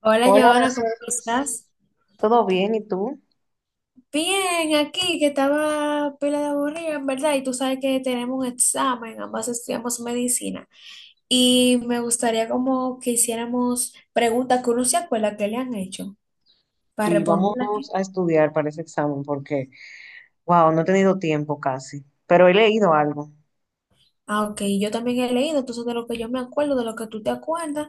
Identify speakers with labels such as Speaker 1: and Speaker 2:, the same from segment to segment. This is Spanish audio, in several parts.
Speaker 1: Hola,
Speaker 2: Hola,
Speaker 1: Joana, ¿cómo
Speaker 2: Aracelis.
Speaker 1: estás?
Speaker 2: ¿Todo bien? ¿Y tú?
Speaker 1: Bien, aquí que estaba pila de aburrida, en verdad, y tú sabes que tenemos un examen, ambas estudiamos medicina, y me gustaría como que hiciéramos preguntas que uno se acuerda que le han hecho para
Speaker 2: Sí, vamos
Speaker 1: responderlas aquí.
Speaker 2: a estudiar para ese examen porque, wow, no he tenido tiempo casi, pero he leído algo.
Speaker 1: Ah, ok, yo también he leído, entonces de lo que yo me acuerdo, de lo que tú te acuerdas,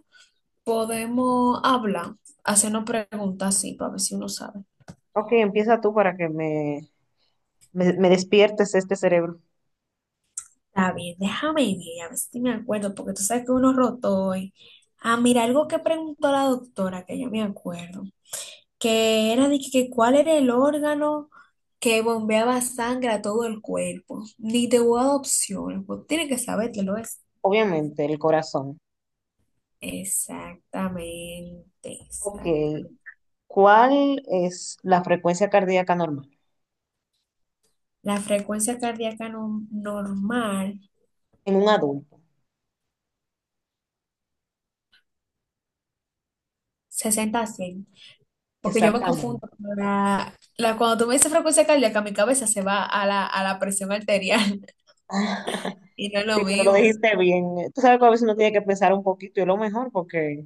Speaker 1: podemos hablar, hacernos preguntas, sí, para ver si uno sabe.
Speaker 2: Ok, empieza tú para que me despiertes este cerebro.
Speaker 1: Está bien, déjame ir, a ver si me acuerdo, porque tú sabes que uno rotó hoy. Ah, mira, algo que preguntó la doctora, que yo me acuerdo, que era de que cuál era el órgano que bombeaba sangre a todo el cuerpo. Ni te voy a dar opciones, pues tiene que saber que lo es.
Speaker 2: Obviamente, el corazón.
Speaker 1: Exactamente,
Speaker 2: Ok,
Speaker 1: exactamente.
Speaker 2: ¿cuál es la frecuencia cardíaca normal
Speaker 1: La frecuencia cardíaca normal,
Speaker 2: en un adulto?
Speaker 1: 60 a 100. Porque yo me confundo
Speaker 2: Exactamente.
Speaker 1: con cuando tú me dices frecuencia cardíaca, mi cabeza se va a la presión arterial. Y no es
Speaker 2: Sí,
Speaker 1: lo
Speaker 2: pero lo
Speaker 1: mismo.
Speaker 2: dijiste bien. Tú sabes que a veces uno tiene que pensar un poquito y es lo mejor porque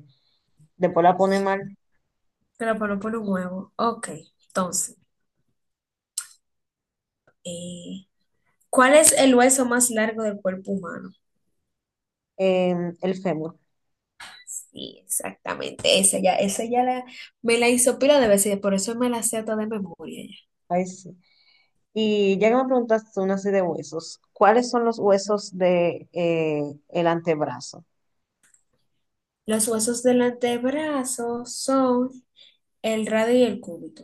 Speaker 2: después la pone mal.
Speaker 1: Pero por un huevo. Ok, entonces, eh, ¿cuál es el hueso más largo del cuerpo humano?
Speaker 2: El fémur.
Speaker 1: Sí, exactamente. Esa ya, me la hizo pila de veces, por eso me la sé toda de memoria ya.
Speaker 2: Ay, sí. Y ya que me preguntaste una así de huesos, ¿cuáles son los huesos de el antebrazo?
Speaker 1: Los huesos del antebrazo son el radio y el cúbito.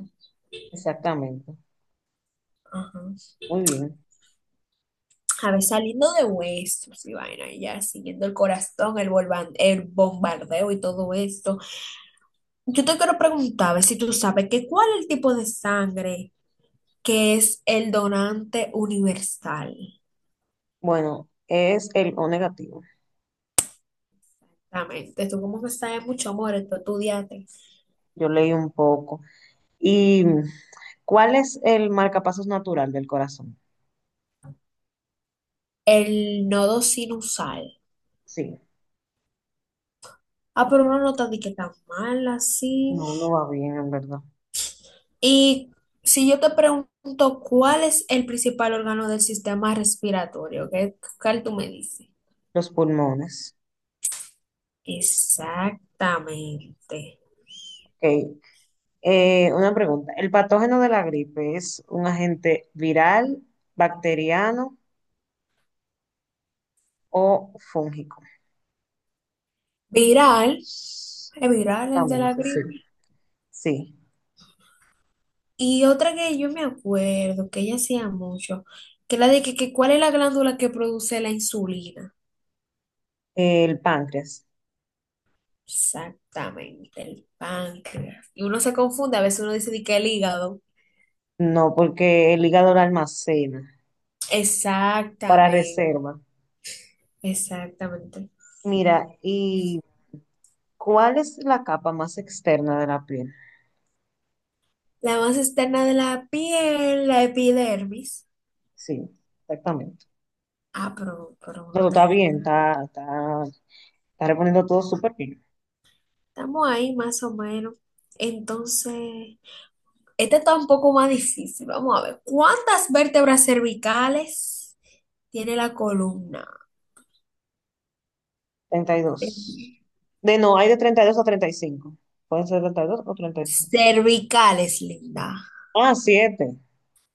Speaker 2: Exactamente.
Speaker 1: Ajá.
Speaker 2: Muy bien.
Speaker 1: A ver, saliendo de huesos y vaina, y ya siguiendo el corazón, el bombardeo y todo esto. Yo te quiero preguntar, a ver si tú sabes que cuál es el tipo de sangre que es el donante universal.
Speaker 2: Bueno, es el O negativo.
Speaker 1: Exactamente. Tú como que sabes mucho, amor, esto estudiate.
Speaker 2: Yo leí un poco. ¿Y cuál es el marcapasos natural del corazón?
Speaker 1: El nodo sinusal.
Speaker 2: Sí,
Speaker 1: Ah, pero una nota de que tan mal así.
Speaker 2: no, no va bien, en verdad.
Speaker 1: Y si yo te pregunto cuál es el principal órgano del sistema respiratorio, ¿qué cuál tú me dices?
Speaker 2: Los pulmones.
Speaker 1: Exactamente.
Speaker 2: Ok. Una pregunta. ¿El patógeno de la gripe es un agente viral, bacteriano o fúngico?
Speaker 1: Viral. ¿Es viral el de
Speaker 2: Exactamente,
Speaker 1: la
Speaker 2: sí.
Speaker 1: gripe?
Speaker 2: Sí.
Speaker 1: Y otra que yo me acuerdo que ella hacía mucho, que la de que cuál es la glándula que produce la insulina.
Speaker 2: El páncreas.
Speaker 1: Exactamente, el páncreas. Y uno se confunde, a veces uno dice de que el hígado.
Speaker 2: No, porque el hígado lo almacena para
Speaker 1: Exactamente,
Speaker 2: reserva.
Speaker 1: exactamente.
Speaker 2: Mira, ¿y cuál es la capa más externa de la piel?
Speaker 1: La más externa de la piel, la epidermis.
Speaker 2: Sí, exactamente.
Speaker 1: Ah.
Speaker 2: No, no, está bien, está reponiendo todo súper bien.
Speaker 1: Estamos ahí más o menos. Entonces, este está un poco más difícil. Vamos a ver. ¿Cuántas vértebras cervicales tiene la columna?
Speaker 2: 32.
Speaker 1: Cervicales,
Speaker 2: De No, hay de 32 a 35. Pueden ser 32 o 35.
Speaker 1: linda.
Speaker 2: Ah, siete.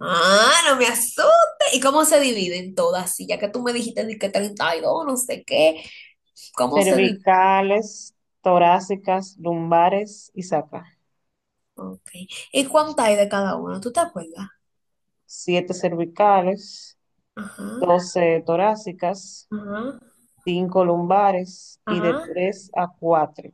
Speaker 1: Ah, no me asustes. ¿Y cómo se dividen todas? Sí, ya que tú me dijiste de que 32 no sé qué. ¿Cómo se dividen?
Speaker 2: Cervicales, torácicas, lumbares y saca.
Speaker 1: Ok. ¿Y cuánto hay de cada uno? ¿Tú te acuerdas?
Speaker 2: Siete cervicales,
Speaker 1: Ajá,
Speaker 2: 12 torácicas,
Speaker 1: ajá,
Speaker 2: cinco lumbares y de
Speaker 1: ajá.
Speaker 2: tres a cuatro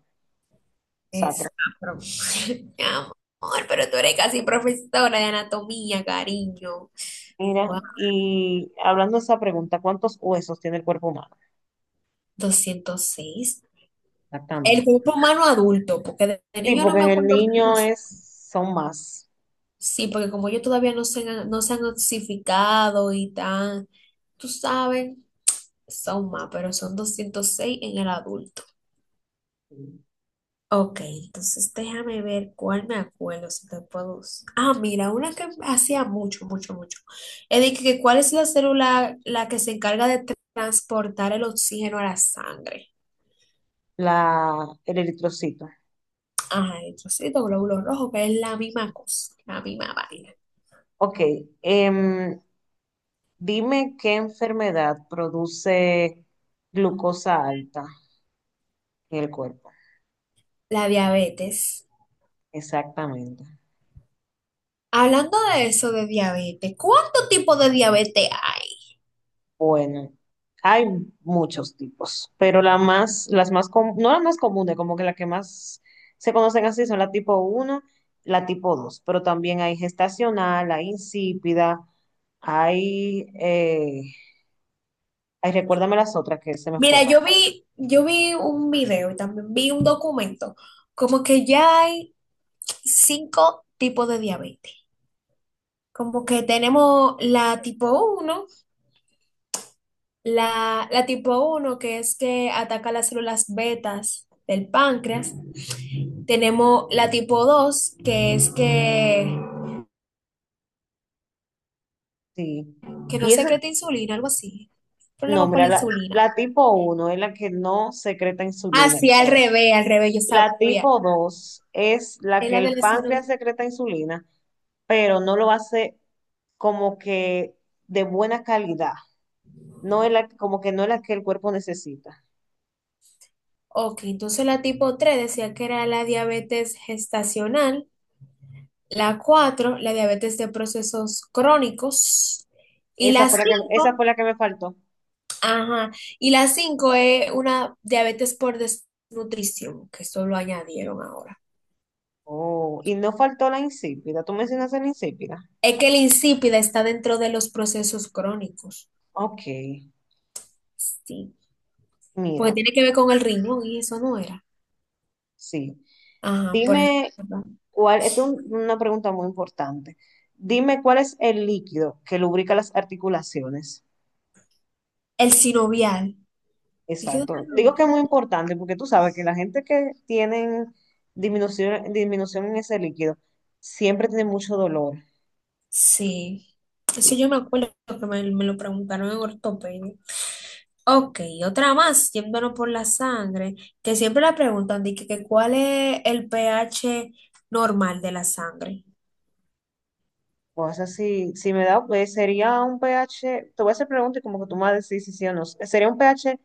Speaker 1: Es,
Speaker 2: sacras.
Speaker 1: ah, pero- Mi amor, pero tú eres casi profesora de anatomía, cariño.
Speaker 2: Mira,
Speaker 1: Wow,
Speaker 2: y hablando de esa pregunta, ¿cuántos huesos tiene el cuerpo humano?
Speaker 1: 206. El
Speaker 2: Exactamente.
Speaker 1: cuerpo humano adulto, porque de
Speaker 2: Sí,
Speaker 1: niño no
Speaker 2: porque
Speaker 1: me
Speaker 2: en el
Speaker 1: acuerdo.
Speaker 2: niño es, son más.
Speaker 1: Sí, porque como ellos todavía no se han notificado y tan, tú sabes, son más, pero son 206 en el adulto. Ok, entonces déjame ver cuál me acuerdo, si te puedo. Ah, mira, una que hacía mucho, mucho, mucho. Es de que cuál es la célula la que se encarga de transportar el oxígeno a la sangre.
Speaker 2: La, el eritrocito.
Speaker 1: Ajá, entonces glóbulo rojo, que es la misma cosa, la misma vaina.
Speaker 2: Ok, em, dime qué enfermedad produce glucosa alta en el cuerpo.
Speaker 1: La diabetes.
Speaker 2: Exactamente.
Speaker 1: Hablando de eso de diabetes, ¿cuánto tipo de diabetes hay?
Speaker 2: Bueno, hay muchos tipos, pero la más, las más, com- no las más comunes, como que las que más se conocen así son la tipo uno, la tipo 2, pero también hay gestacional, hay insípida, hay, ay, recuérdame las otras que se me
Speaker 1: Mira,
Speaker 2: fueron.
Speaker 1: yo vi un video y también vi un documento, como que ya hay cinco tipos de diabetes. Como que tenemos uno la tipo uno que es que ataca las células betas del páncreas. Tenemos la tipo 2 que es que,
Speaker 2: Sí.
Speaker 1: que no
Speaker 2: Y ese
Speaker 1: secreta insulina, algo así. Problema con la
Speaker 2: nombre, la,
Speaker 1: insulina.
Speaker 2: la tipo uno es la que no secreta
Speaker 1: Ah,
Speaker 2: insulina,
Speaker 1: sí,
Speaker 2: el páncreas.
Speaker 1: al revés, yo
Speaker 2: La
Speaker 1: sabía.
Speaker 2: tipo 2 es la
Speaker 1: Es
Speaker 2: que
Speaker 1: la de
Speaker 2: el
Speaker 1: la
Speaker 2: páncreas
Speaker 1: celulitis.
Speaker 2: secreta insulina pero no lo hace como que de buena calidad, no es la, como que no es la que el cuerpo necesita.
Speaker 1: Ok, entonces la tipo 3 decía que era la diabetes gestacional, la 4 la diabetes de procesos crónicos, y
Speaker 2: Esa
Speaker 1: la
Speaker 2: fue la que, esa
Speaker 1: cinco,
Speaker 2: fue la que me faltó.
Speaker 1: ajá, y la 5 es una diabetes por desnutrición, que eso lo añadieron ahora.
Speaker 2: Oh, y no faltó la insípida. Tú mencionaste la insípida.
Speaker 1: Es que la insípida está dentro de los procesos crónicos,
Speaker 2: Ok,
Speaker 1: sí, porque
Speaker 2: mira,
Speaker 1: tiene que ver con el riñón y eso no era.
Speaker 2: sí.
Speaker 1: Ajá, por eso.
Speaker 2: Dime
Speaker 1: ¿Verdad?
Speaker 2: cuál, esta es una pregunta muy importante. Dime cuál es el líquido que lubrica las articulaciones.
Speaker 1: El sinovial. ¿Y qué es
Speaker 2: Exacto.
Speaker 1: el
Speaker 2: Digo que
Speaker 1: sinovial?
Speaker 2: es muy importante porque tú sabes que la gente que tienen disminución en ese líquido siempre tiene mucho dolor.
Speaker 1: Sí,
Speaker 2: Sí.
Speaker 1: eso yo me acuerdo que me lo preguntaron en ortopedia. Ok, otra más, yéndonos por la sangre, que siempre la preguntan, de que cuál es el pH normal de la sangre.
Speaker 2: O sea, si me da, pues sería un pH, te voy a hacer preguntas y como que tú me vas a decir si sí o no. Sería un pH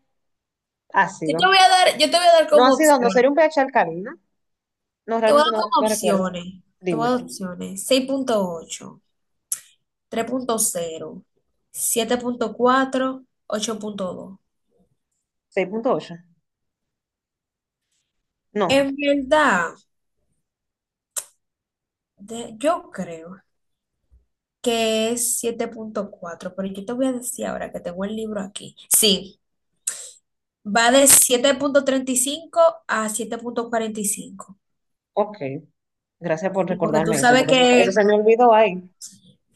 Speaker 1: Yo te
Speaker 2: ácido.
Speaker 1: voy a dar, yo te voy a dar
Speaker 2: No
Speaker 1: como
Speaker 2: ácido, no,
Speaker 1: opción,
Speaker 2: sería un pH alcalino. No,
Speaker 1: te voy a
Speaker 2: realmente
Speaker 1: dar
Speaker 2: no,
Speaker 1: como
Speaker 2: no recuerdo.
Speaker 1: opciones, te voy a
Speaker 2: Dime,
Speaker 1: dar opciones, seis punto ocho, 3.0, 7.4, 8.2.
Speaker 2: 6.8. No,
Speaker 1: En verdad, yo creo que es 7.4 pero yo te voy a decir ahora que tengo el libro aquí. Sí, va de 7.35 a 7.45.
Speaker 2: ok. Gracias por
Speaker 1: Y porque tú
Speaker 2: recordarme eso,
Speaker 1: sabes
Speaker 2: porque eso se me
Speaker 1: que
Speaker 2: olvidó ahí.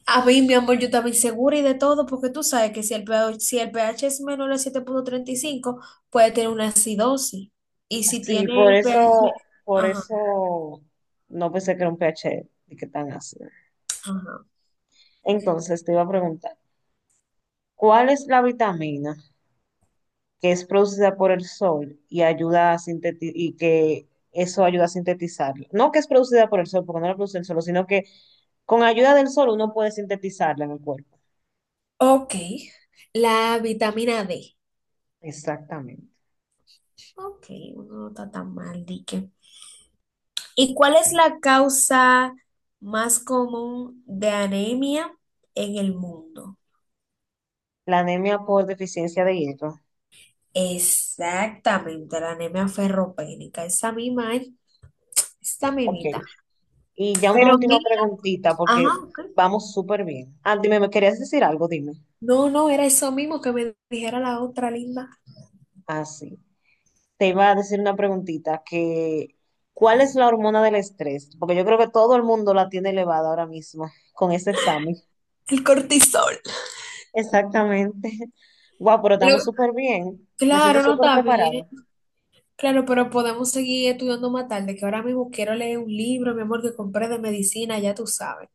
Speaker 1: a mí, mi amor, yo también segura y de todo, porque tú sabes que si el pH es menor a 7.35 puede tener una acidosis. Y si
Speaker 2: Sí,
Speaker 1: tiene
Speaker 2: por
Speaker 1: el pH.
Speaker 2: eso, por
Speaker 1: Ajá,
Speaker 2: eso no pensé que era un pH y que tan ácido.
Speaker 1: ajá.
Speaker 2: Entonces te iba a preguntar, ¿cuál es la vitamina que es producida por el sol y ayuda a sintetizar y que eso ayuda a sintetizarla? No que es producida por el sol, porque no la produce el sol, sino que con ayuda del sol uno puede sintetizarla en el cuerpo.
Speaker 1: Ok, la vitamina D.
Speaker 2: Exactamente.
Speaker 1: Ok, uno no está tan mal, dique. ¿Y cuál es la causa más común de anemia en el mundo?
Speaker 2: La anemia por deficiencia de hierro.
Speaker 1: Exactamente, la anemia ferropénica, esa misma, ¿eh? Esta
Speaker 2: Ok.
Speaker 1: mimita.
Speaker 2: Y ya una
Speaker 1: Pero
Speaker 2: última
Speaker 1: mira,
Speaker 2: preguntita,
Speaker 1: ajá,
Speaker 2: porque
Speaker 1: ok.
Speaker 2: vamos súper bien. Ah, dime, ¿me querías decir algo? Dime.
Speaker 1: No, no, era eso mismo que me dijera la otra linda,
Speaker 2: Ah, sí. Te iba a decir una preguntita, que ¿cuál es la hormona del estrés? Porque yo creo que todo el mundo la tiene elevada ahora mismo con ese examen.
Speaker 1: el cortisol.
Speaker 2: Exactamente. Wow, pero estamos
Speaker 1: Pero,
Speaker 2: súper bien. Me siento
Speaker 1: claro, no
Speaker 2: súper
Speaker 1: está
Speaker 2: preparada.
Speaker 1: bien. Claro, pero podemos seguir estudiando más tarde, que ahora mismo quiero leer un libro, mi amor, que compré de medicina, ya tú sabes.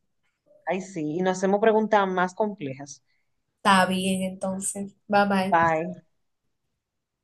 Speaker 2: Ay, sí, y nos hacemos preguntas más complejas.
Speaker 1: Está bien, entonces. Bye bye.
Speaker 2: Bye.